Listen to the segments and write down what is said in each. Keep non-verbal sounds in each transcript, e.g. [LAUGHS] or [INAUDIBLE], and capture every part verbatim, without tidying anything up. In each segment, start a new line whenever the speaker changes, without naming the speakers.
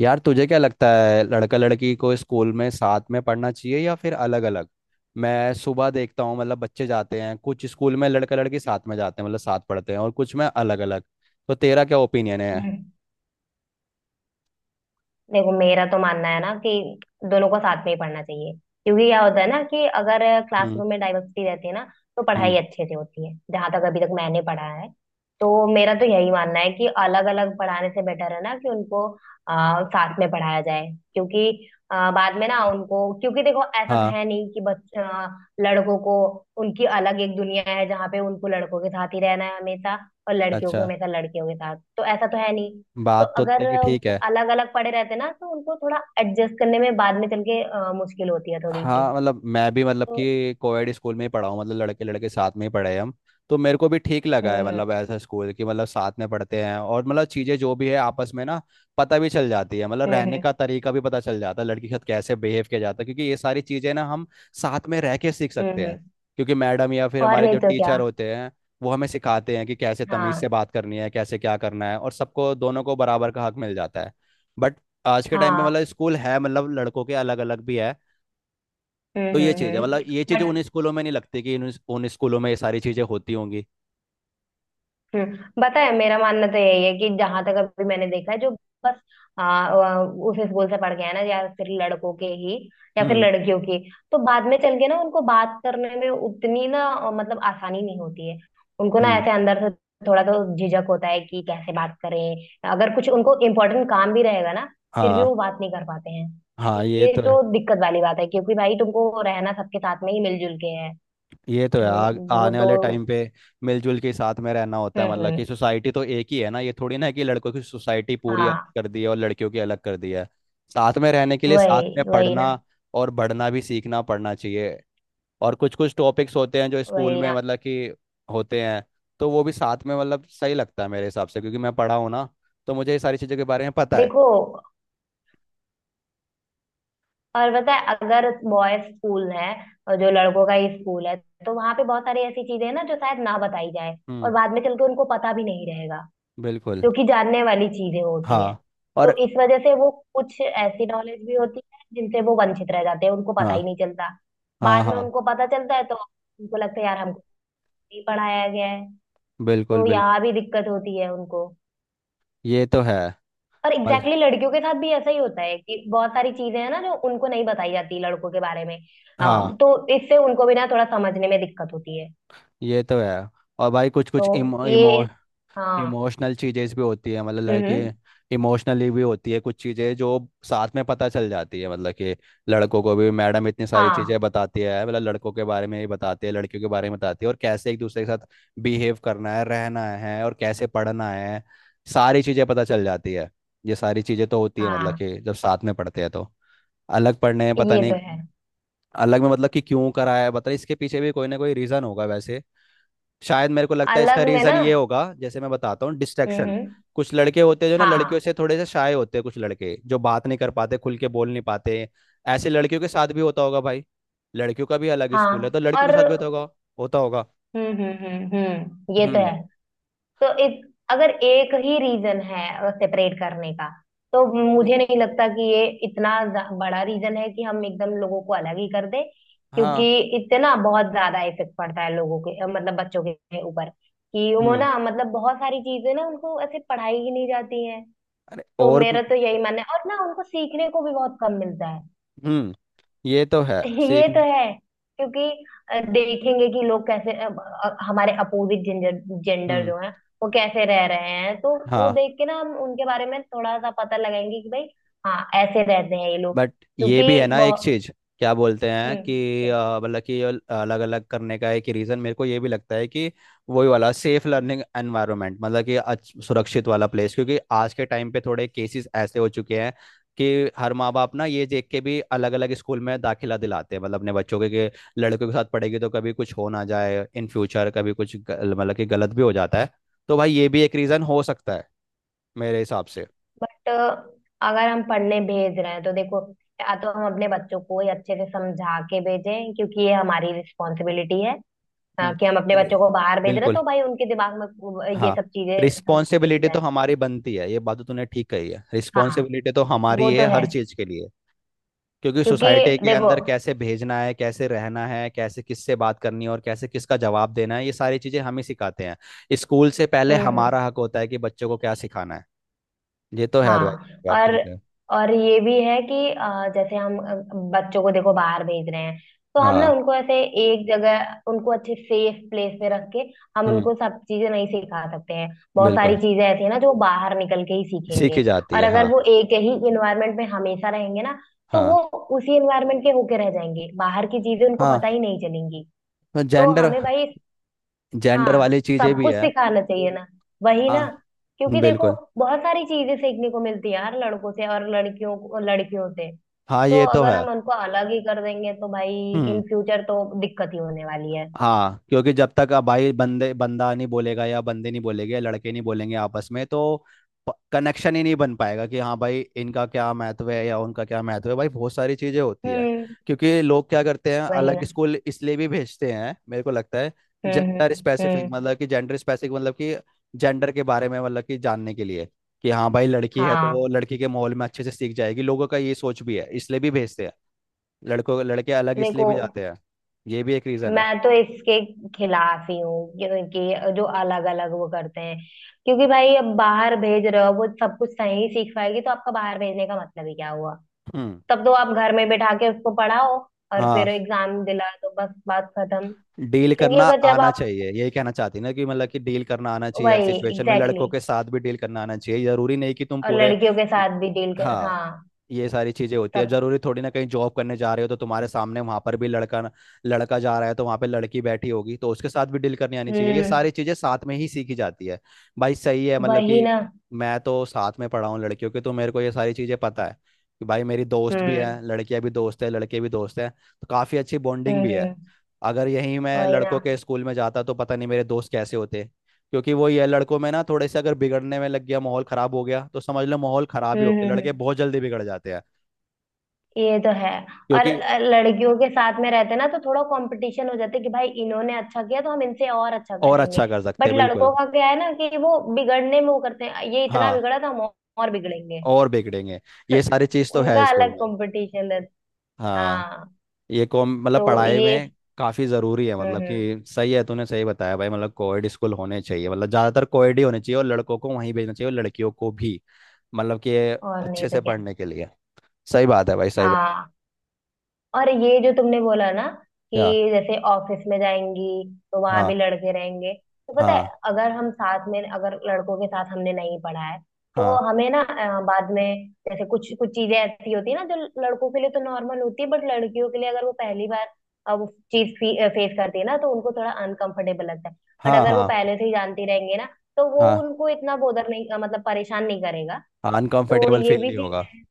यार तुझे क्या लगता है लड़का लड़की को स्कूल में साथ में पढ़ना चाहिए या फिर अलग अलग। मैं सुबह देखता हूँ मतलब बच्चे जाते हैं, कुछ स्कूल में लड़का लड़की साथ में जाते हैं मतलब साथ पढ़ते हैं, और कुछ में अलग अलग। तो तेरा क्या ओपिनियन है?
हम्म। देखो, मेरा तो मानना है ना कि दोनों को साथ में ही पढ़ना चाहिए, क्योंकि क्या होता है ना कि अगर
हम्म।
क्लासरूम में डाइवर्सिटी रहती है ना, तो
हम्म।
पढ़ाई अच्छे से होती है, जहां तक अभी तक मैंने पढ़ा है। तो मेरा तो यही मानना है कि अलग अलग पढ़ाने से बेटर है ना कि उनको आ, साथ में पढ़ाया जाए, क्योंकि आ, बाद में ना उनको, क्योंकि देखो, ऐसा तो
हाँ।
है नहीं कि बच्चा, लड़कों को उनकी अलग एक दुनिया है जहाँ पे उनको लड़कों के साथ ही रहना है हमेशा, और लड़कियों को
अच्छा।
हमेशा लड़कियों के साथ, तो ऐसा तो है नहीं। तो
बात तो
अगर
तेरी ठीक है।
अलग अलग पड़े रहते ना, तो उनको थोड़ा एडजस्ट करने में बाद में चल के अ, मुश्किल होती है थोड़ी सी।
हाँ मतलब मैं भी मतलब
तो
कि कोएड स्कूल में ही पढ़ा हूँ, मतलब लड़के लड़के साथ में ही पढ़े हैं हम। तो मेरे को भी ठीक लगा है
हम्म
मतलब ऐसा स्कूल कि मतलब साथ में पढ़ते हैं, और मतलब चीज़ें जो भी है आपस में ना पता भी चल जाती है, मतलब रहने
हम्म
का तरीका भी पता चल जाता है, लड़की के साथ कैसे बिहेव किया जाता है, क्योंकि ये सारी चीज़ें ना हम साथ में रह के सीख
हम्म
सकते हैं।
हम्म,
क्योंकि मैडम या फिर
और
हमारे
नहीं
जो
तो क्या।
टीचर होते हैं वो हमें सिखाते हैं कि कैसे तमीज़
हाँ
से बात करनी है, कैसे क्या करना है, और सबको दोनों को बराबर का हक मिल जाता है। बट आज के टाइम पे
हाँ।
मतलब स्कूल है मतलब लड़कों के अलग अलग भी है। तो
हम्म
ये
हम्म
चीज है
हम्म,
मतलब ये चीज
बट
उन स्कूलों में नहीं लगती कि उन, उन स्कूलों में ये सारी चीजें होती होंगी।
हम्म बताए, मेरा मानना तो यही है कि जहां तक अभी मैंने देखा है जो बस आ, आ, उस स्कूल से पढ़ के आए ना, या फिर लड़कों के ही, या फिर
हम्म।
लड़कियों की, तो बाद में चल के ना उनको बात करने में उतनी ना अ, मतलब आसानी नहीं होती है। उनको ना
हम्म।
ऐसे अंदर से थोड़ा तो झिझक होता है कि कैसे बात करें, अगर कुछ उनको इम्पोर्टेंट काम भी रहेगा ना, फिर भी
हाँ।
वो बात नहीं कर पाते हैं, तो
हाँ। ये
ये
तो है।
तो दिक्कत वाली बात है, क्योंकि भाई, तुमको रहना सबके साथ में ही मिलजुल के है।
ये तो है।
तो
आ,
वो
आने वाले
तो,
टाइम पे मिलजुल के साथ में रहना होता है,
हम्म
मतलब कि
हम्म,
सोसाइटी तो एक ही है ना, ये थोड़ी ना है कि लड़कों की सोसाइटी पूरी अलग
हाँ,
कर दी है और लड़कियों की अलग कर दी है। साथ में रहने के लिए साथ में
वही वही
पढ़ना
ना,
और बढ़ना भी सीखना पड़ना चाहिए। और कुछ कुछ टॉपिक्स होते हैं जो स्कूल
वही
में
ना।
मतलब कि होते हैं। तो वो भी साथ में मतलब सही लगता है मेरे हिसाब से, क्योंकि मैं पढ़ा हूँ ना, तो मुझे ये सारी चीज़ों के बारे में पता है।
देखो, और पता है, अगर बॉयज स्कूल है, और जो लड़कों का ही स्कूल है, तो वहां पे बहुत सारी ऐसी चीजें हैं ना जो शायद ना बताई जाए,
हम्म।
और बाद में चल के उनको पता भी नहीं रहेगा,
बिल्कुल।
जो कि जानने वाली चीजें होती हैं।
हाँ। और
तो इस वजह से वो कुछ ऐसी नॉलेज भी होती है जिनसे वो वंचित रह जाते हैं, उनको पता ही
हाँ
नहीं चलता।
हाँ
बाद में
हाँ।
उनको पता चलता है, तो उनको लगता है यार हमको नहीं पढ़ाया गया है।
बिल्कुल
तो
बिल्कुल।
यहाँ भी दिक्कत होती है उनको।
ये तो है।
और
मल
एग्जैक्टली exactly लड़कियों के साथ भी ऐसा ही होता है, कि बहुत सारी चीजें हैं ना जो उनको नहीं बताई जाती लड़कों के बारे में।
हाँ।
हाँ, तो इससे उनको भी ना थोड़ा समझने में दिक्कत होती है।
ये तो है। और भाई कुछ कुछ
तो ये,
इमो
हाँ,
इमोशनल चीजें भी होती है मतलब
हम्म हम्म,
लड़के इमोशनली भी होती है कुछ चीजें जो साथ में पता चल जाती है, मतलब कि लड़कों को भी मैडम इतनी सारी
हाँ
चीजें बताती है मतलब लड़कों के बारे में ही बताती है, लड़कियों के बारे में बताती है, और कैसे एक दूसरे के साथ बिहेव करना है रहना है और कैसे पढ़ना है, सारी चीजें पता चल जाती है। ये सारी चीजें तो होती है मतलब
हाँ,
कि जब साथ में पढ़ते हैं, तो अलग पढ़ने में पता
ये तो
नहीं।
है।
अलग में मतलब कि क्यों कराया है, बता, इसके पीछे भी कोई ना कोई रीजन होगा वैसे। शायद मेरे को लगता है इसका
अलग में
रीजन
ना,
ये होगा, जैसे मैं बताता हूँ,
हम्म
डिस्ट्रैक्शन।
हम्म,
कुछ लड़के होते हैं जो ना
हाँ
लड़कियों से थोड़े से शाय होते हैं, कुछ लड़के जो बात नहीं कर पाते खुल के बोल नहीं पाते। ऐसे लड़कियों के साथ भी होता होगा भाई, लड़कियों का भी अलग स्कूल है
हाँ,
तो लड़कियों के
और
साथ भी होता होगा, होता होगा।
हम्म हम्म हम्म हम्म, ये तो
हम्म।
है। तो इत, अगर एक ही रीजन है सेपरेट करने का, तो
नहीं,
मुझे नहीं लगता कि ये इतना ज- बड़ा रीजन है कि हम एकदम लोगों को अलग ही कर दे।
हाँ।
क्योंकि इतना बहुत ज्यादा इफेक्ट पड़ता है लोगों के अ, मतलब बच्चों के ऊपर, कि वो
हम्म।
ना, मतलब बहुत सारी चीजें ना उनको ऐसे पढ़ाई ही नहीं जाती हैं।
अरे
तो
और भी-
मेरा तो यही मानना है, और ना उनको सीखने को भी बहुत कम मिलता है।
हम्म। ये तो है।
ये
सीख।
तो है। क्योंकि अ, देखेंगे कि लोग कैसे अ, अ, हमारे अपोजिट जेंडर, जेंडर
हम्म।
जो है, वो कैसे रह रहे हैं, तो वो
हाँ।
देख के ना हम उनके बारे में थोड़ा सा पता लगाएंगे कि भाई, हाँ, ऐसे रहते हैं ये लोग।
बट ये
क्योंकि
भी है ना एक
बहुत,
चीज। क्या बोलते हैं
हम्म,
कि
क्या,
अ, मतलब कि अलग अलग करने का एक रीजन मेरे को ये भी लगता है कि वही वाला सेफ लर्निंग एनवायरनमेंट, मतलब कि अच्छ- सुरक्षित वाला प्लेस, क्योंकि आज के टाइम पे थोड़े केसेस ऐसे हो चुके हैं कि हर माँ बाप ना ये देख के भी अलग अलग स्कूल में दाखिला दिलाते हैं, मतलब अपने बच्चों के, के लड़कों के साथ पढ़ेगी तो कभी कुछ हो ना जाए इन फ्यूचर, कभी कुछ गल- मतलब कि गलत भी हो जाता है। तो भाई ये भी एक रीजन हो सकता है मेरे हिसाब से।
बट अगर हम पढ़ने भेज रहे हैं तो देखो, या तो हम अपने बच्चों को ही अच्छे से समझा के भेजें, क्योंकि ये हमारी रिस्पॉन्सिबिलिटी है, अ,
हम्म।
कि हम अपने
अरे।
बच्चों को बाहर भेज रहे हैं
बिल्कुल।
तो भाई उनके दिमाग में वो- ये
हाँ।
सब चीजें समझा के
रिस्पॉन्सिबिलिटी तो
जाएं।
हमारी बनती है, ये बात तो तूने ठीक कही है,
हाँ,
रिस्पॉन्सिबिलिटी तो
वो
हमारी
तो
है
है,
हर चीज के लिए। क्योंकि
क्योंकि
सोसाइटी के
देखो,
अंदर कैसे भेजना है कैसे रहना है कैसे किससे बात करनी है और कैसे किसका जवाब देना है, ये सारी चीजें हम ही सिखाते हैं, स्कूल से पहले
हम्म हम्म,
हमारा हक होता है कि बच्चों को क्या सिखाना है। ये तो है भाई।
हाँ,
बात
और
ठीक है।
और ये भी है कि अ, जैसे हम अ, बच्चों को देखो बाहर भेज रहे हैं, तो हम ना
हाँ।
उनको ऐसे एक जगह, उनको अच्छे सेफ प्लेस में रख के, हम
हम्म।
उनको सब चीजें नहीं सिखा सकते हैं। बहुत सारी
बिल्कुल।
चीजें ऐसी हैं ना जो बाहर निकल के ही सीखेंगे।
सीखी जाती
और
है। हाँ।
अगर वो एक ही इन्वायरमेंट में हमेशा रहेंगे ना, तो वो
हाँ।
उसी इन्वायरमेंट के होके रह जाएंगे, बाहर की चीजें उनको
हाँ।
पता ही नहीं चलेंगी। तो
जेंडर,
हमें भाई,
जेंडर
हाँ,
वाली चीजें
सब
भी
कुछ
है।
सिखाना चाहिए ना, वही ना,
हाँ।
क्योंकि देखो,
बिल्कुल।
बहुत सारी चीजें सीखने को मिलती है यार, लड़कों से, और लड़कियों को लड़कियों से।
हाँ।
तो
ये तो
अगर
है।
हम उनको अलग ही कर देंगे तो भाई,
हम्म।
इन फ्यूचर तो दिक्कत ही होने वाली है।
हाँ। क्योंकि जब तक अब भाई बंदे बंदा नहीं बोलेगा या बंदे नहीं बोलेंगे लड़के नहीं बोलेंगे आपस में, तो कनेक्शन ही नहीं बन पाएगा कि हाँ भाई इनका क्या महत्व है या उनका क्या महत्व है, भाई बहुत सारी चीजें होती है।
हम्म,
क्योंकि लोग क्या करते हैं,
वही
अलग
ना,
स्कूल इसलिए भी भेजते हैं मेरे को लगता है,
हम्म हम्म
जेंडर स्पेसिफिक,
हम्म,
मतलब कि जेंडर स्पेसिफिक मतलब कि जेंडर के बारे में मतलब कि जानने के लिए, कि हाँ भाई लड़की है तो
हाँ।
वो लड़की के माहौल में अच्छे से सीख जाएगी, लोगों का ये सोच भी है इसलिए भी भेजते हैं। लड़कों लड़के अलग इसलिए
देखो,
भी जाते हैं, ये भी एक रीजन है।
मैं तो इसके खिलाफ ही हूँ, क्योंकि जो अलग अलग वो करते हैं, क्योंकि भाई, अब बाहर भेज रहे हो, वो सब कुछ सही सीख पाएगी, तो आपका बाहर भेजने का मतलब ही क्या हुआ।
हम्म।
तब तो आप घर में बैठा के उसको पढ़ाओ, और फिर
हाँ।
एग्जाम दिला दो, बस बात खत्म।
डील
क्योंकि
करना
अगर जब
आना
आप,
चाहिए, यही कहना चाहती ना, कि मतलब कि डील करना आना चाहिए हर
वही, एग्जैक्टली
सिचुएशन में, लड़कों
exactly,
के साथ भी डील करना आना चाहिए, जरूरी नहीं कि तुम
और
पूरे।
लड़कियों के साथ भी डील कर,
हाँ।
हाँ।
ये सारी चीजें होती है,
तब,
जरूरी थोड़ी ना कहीं जॉब करने जा रहे हो तो तुम्हारे सामने वहां पर भी लड़का, लड़का जा रहा है तो वहां पे लड़की बैठी होगी तो उसके साथ भी डील करनी आनी चाहिए, ये
हम्म,
सारी चीजें साथ में ही सीखी जाती है भाई। सही है मतलब
वही
कि
ना,
मैं तो साथ में पढ़ा हूँ लड़कियों के, तो मेरे को ये सारी चीजें पता है कि भाई मेरी दोस्त भी
हम्म
है, लड़कियां भी दोस्त है, लड़के भी दोस्त हैं, तो काफी अच्छी
हम्म
बॉन्डिंग भी है।
हम्म,
अगर यहीं मैं
वही ना,
लड़कों के स्कूल में जाता तो पता नहीं मेरे दोस्त कैसे होते, क्योंकि वो ये लड़कों में ना थोड़े से अगर बिगड़ने में लग गया माहौल खराब हो गया तो समझ लो माहौल खराब ही
हम्म
हो गया,
हम्म
लड़के
हम्म,
बहुत जल्दी बिगड़ जाते हैं।
ये तो है। और
क्योंकि
अ, लड़कियों के साथ में रहते ना, तो थोड़ा कंपटीशन हो जाता है कि भाई, इन्होंने अच्छा किया, तो हम इनसे और अच्छा
और
करेंगे।
अच्छा कर सकते
बट
हैं बिल्कुल।
लड़कों का क्या है ना कि वो बिगड़ने में वो करते हैं, ये इतना
हाँ।
बिगड़ा तो हम और और बिगड़ेंगे।
और बिगड़ेंगे। ये सारी चीज तो है
उनका
स्कूल
अलग
में।
कंपटीशन।
हाँ।
हाँ।
ये कॉम मतलब
तो
पढ़ाई
ये,
में काफी जरूरी है,
हम्म
मतलब
हम्म,
कि सही है, तूने सही बताया भाई, मतलब कोएड स्कूल होने चाहिए, मतलब ज्यादातर कोएड ही होने चाहिए और लड़कों को वहीं भेजना चाहिए और लड़कियों को भी, मतलब कि
और नहीं
अच्छे
तो
से
क्या,
पढ़ने के लिए। सही बात है भाई सही बात।
हाँ। और ये जो तुमने बोला ना कि
क्या?
जैसे ऑफिस में जाएंगी, तो वहां
हाँ
भी लड़के रहेंगे, तो पता है,
हाँ
अगर हम साथ में, अगर लड़कों के साथ हमने नहीं पढ़ा है, तो
हाँ
हमें ना अ, बाद में, जैसे कुछ कुछ चीजें ऐसी होती है ना जो लड़कों के लिए तो नॉर्मल होती है, बट लड़कियों के लिए अगर वो पहली बार, अब वो चीज फेस करती है ना, तो उनको थोड़ा अनकंफर्टेबल लगता है। बट
हाँ
अगर वो
हाँ
पहले से ही जानती रहेंगे ना, तो वो
हाँ।
उनको इतना बोधर नहीं, अ, मतलब परेशान नहीं करेगा। तो
अनकंफर्टेबल
ये
फील
भी
नहीं
चीज
होगा।
है।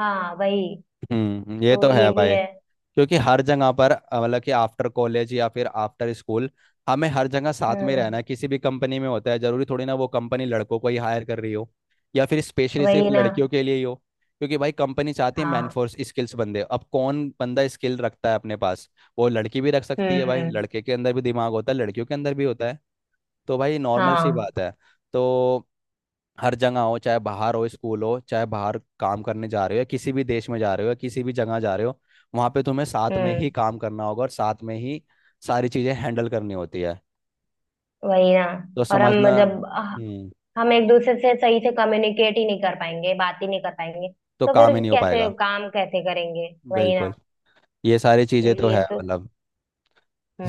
हाँ, वही,
हम्म। ये
तो
तो
ये
है
भी
भाई,
है।
क्योंकि हर जगह पर अ, मतलब कि आफ्टर कॉलेज या फिर आफ्टर स्कूल हमें हर जगह साथ में रहना
हम्म,
है, किसी भी कंपनी में होता है, जरूरी थोड़ी ना वो कंपनी लड़कों को ही हायर कर रही हो या फिर स्पेशली सिर्फ
वही ना,
लड़कियों के लिए ही हो। क्योंकि भाई कंपनी चाहती है
हाँ,
मैनफोर्स स्किल्स, बंदे, अब कौन बंदा स्किल रखता है अपने पास, वो लड़की भी रख सकती है भाई,
हम्म,
लड़के के अंदर भी दिमाग होता है, लड़कियों के अंदर भी होता है, तो भाई नॉर्मल सी
हाँ,
बात है। तो हर जगह हो, चाहे बाहर हो स्कूल हो, चाहे बाहर काम करने जा रहे हो या किसी भी देश में जा रहे हो या किसी भी जगह जा रहे हो, वहां पे तुम्हें साथ में
हम्म,
ही काम करना होगा और साथ में ही सारी चीजें हैंडल करनी होती है,
वही ना।
तो
और हम
समझना।
जब अह,
हम्म।
हम एक दूसरे से सही से कम्युनिकेट ही नहीं कर पाएंगे, बात ही नहीं कर पाएंगे,
तो
तो फिर
काम ही नहीं हो
कैसे
पाएगा।
काम कैसे करेंगे। वही ना।
बिल्कुल। ये सारी
तो
चीजें तो
ये
है
तो,
मतलब,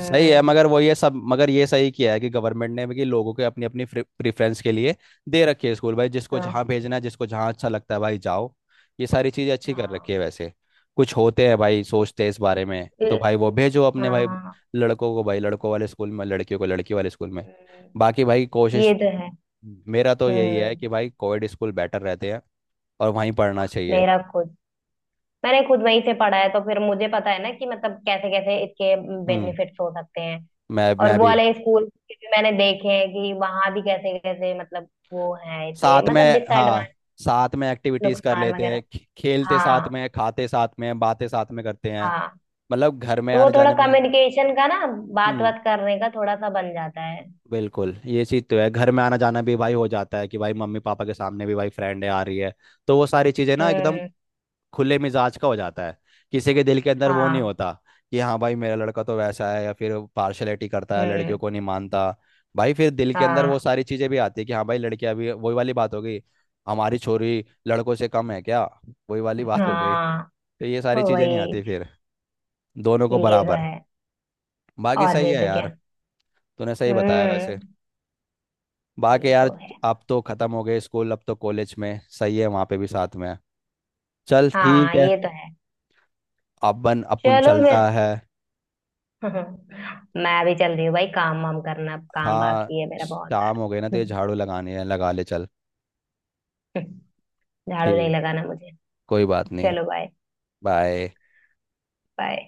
सही है, मगर वो ये सब मगर ये सही किया है कि गवर्नमेंट ने भी कि लोगों के अपनी अपनी प्रेफरेंस के लिए दे रखे है स्कूल, भाई जिसको
हाँ
जहाँ भेजना है, जिसको जहाँ अच्छा लगता है भाई जाओ। ये सारी चीज़ें अच्छी कर
हाँ,
रखी है वैसे। कुछ होते हैं भाई सोचते हैं इस बारे में, तो
ये-
भाई वो भेजो अपने, भाई
हाँ,
लड़कों को भाई लड़कों वाले स्कूल में, लड़कियों को लड़की वाले स्कूल में।
हम्म,
बाकी भाई कोशिश
ये तो है,
मेरा तो यही है
हम्म।
कि भाई कोविड स्कूल बेटर रहते हैं और वहीं पढ़ना चाहिए।
मेरा खुद, मैंने खुद वहीं से पढ़ा है, तो फिर मुझे पता है ना कि मतलब कैसे कैसे इसके
हम्म।
बेनिफिट्स हो सकते हैं।
मैं
और
मैं
वो
भी
वाले स्कूल के भी मैंने देखे हैं कि वहां भी कैसे कैसे, मतलब वो है इसके,
साथ
मतलब
में, हाँ।
डिसएडवांटेज,
साथ में एक्टिविटीज कर
नुकसान
लेते
वगैरह।
हैं, खे- खेलते साथ
हाँ,
में, खाते साथ में, बातें साथ में करते हैं,
हाँ,
मतलब घर में
तो वो
आने
थोड़ा
जाने में।
कम्युनिकेशन का ना, बात
हम्म।
बात करने का थोड़ा सा बन जाता है।
बिल्कुल। ये चीज़ तो है, घर में आना जाना भी भाई हो जाता है कि भाई मम्मी पापा के सामने भी भाई फ्रेंड आ रही है, तो वो सारी चीज़ें ना एकदम
हम्म,
खुले मिजाज का हो जाता है, किसी के दिल के अंदर वो नहीं
हाँ,
होता कि हाँ भाई मेरा लड़का तो वैसा है या फिर पार्शलिटी करता है लड़कियों
हम्म,
को नहीं मानता। भाई फिर दिल के अंदर वो
हाँ,
सारी चीजें भी आती है कि हाँ भाई लड़कियां भी, वही वाली बात हो गई, हमारी छोरी लड़कों से कम है क्या, वही वाली बात हो गई, तो
हाँ,
ये सारी चीजें नहीं
वही,
आती फिर, दोनों को
ये तो
बराबर।
है,
बाकी
और
सही
नहीं
है
तो क्या,
यार। तूने सही बताया वैसे।
हम्म,
बाकी
ये
यार
तो है,
अब तो खत्म हो गए स्कूल, अब तो कॉलेज में सही है वहां पे भी साथ में है। चल ठीक
हाँ,
है।
ये तो है।
अपन अपन
चलो फिर।
चलता है।
[LAUGHS] मैं भी चल रही हूँ भाई, काम वाम करना, अब काम
हाँ।
बाकी है मेरा बहुत
शाम हो गई ना,
सारा।
तो ये झाड़ू लगानी है, लगा ले चल।
[LAUGHS] झाड़ू नहीं
ठीक।
लगाना मुझे।
कोई बात नहीं।
चलो, बाय।
बाय।
बाय।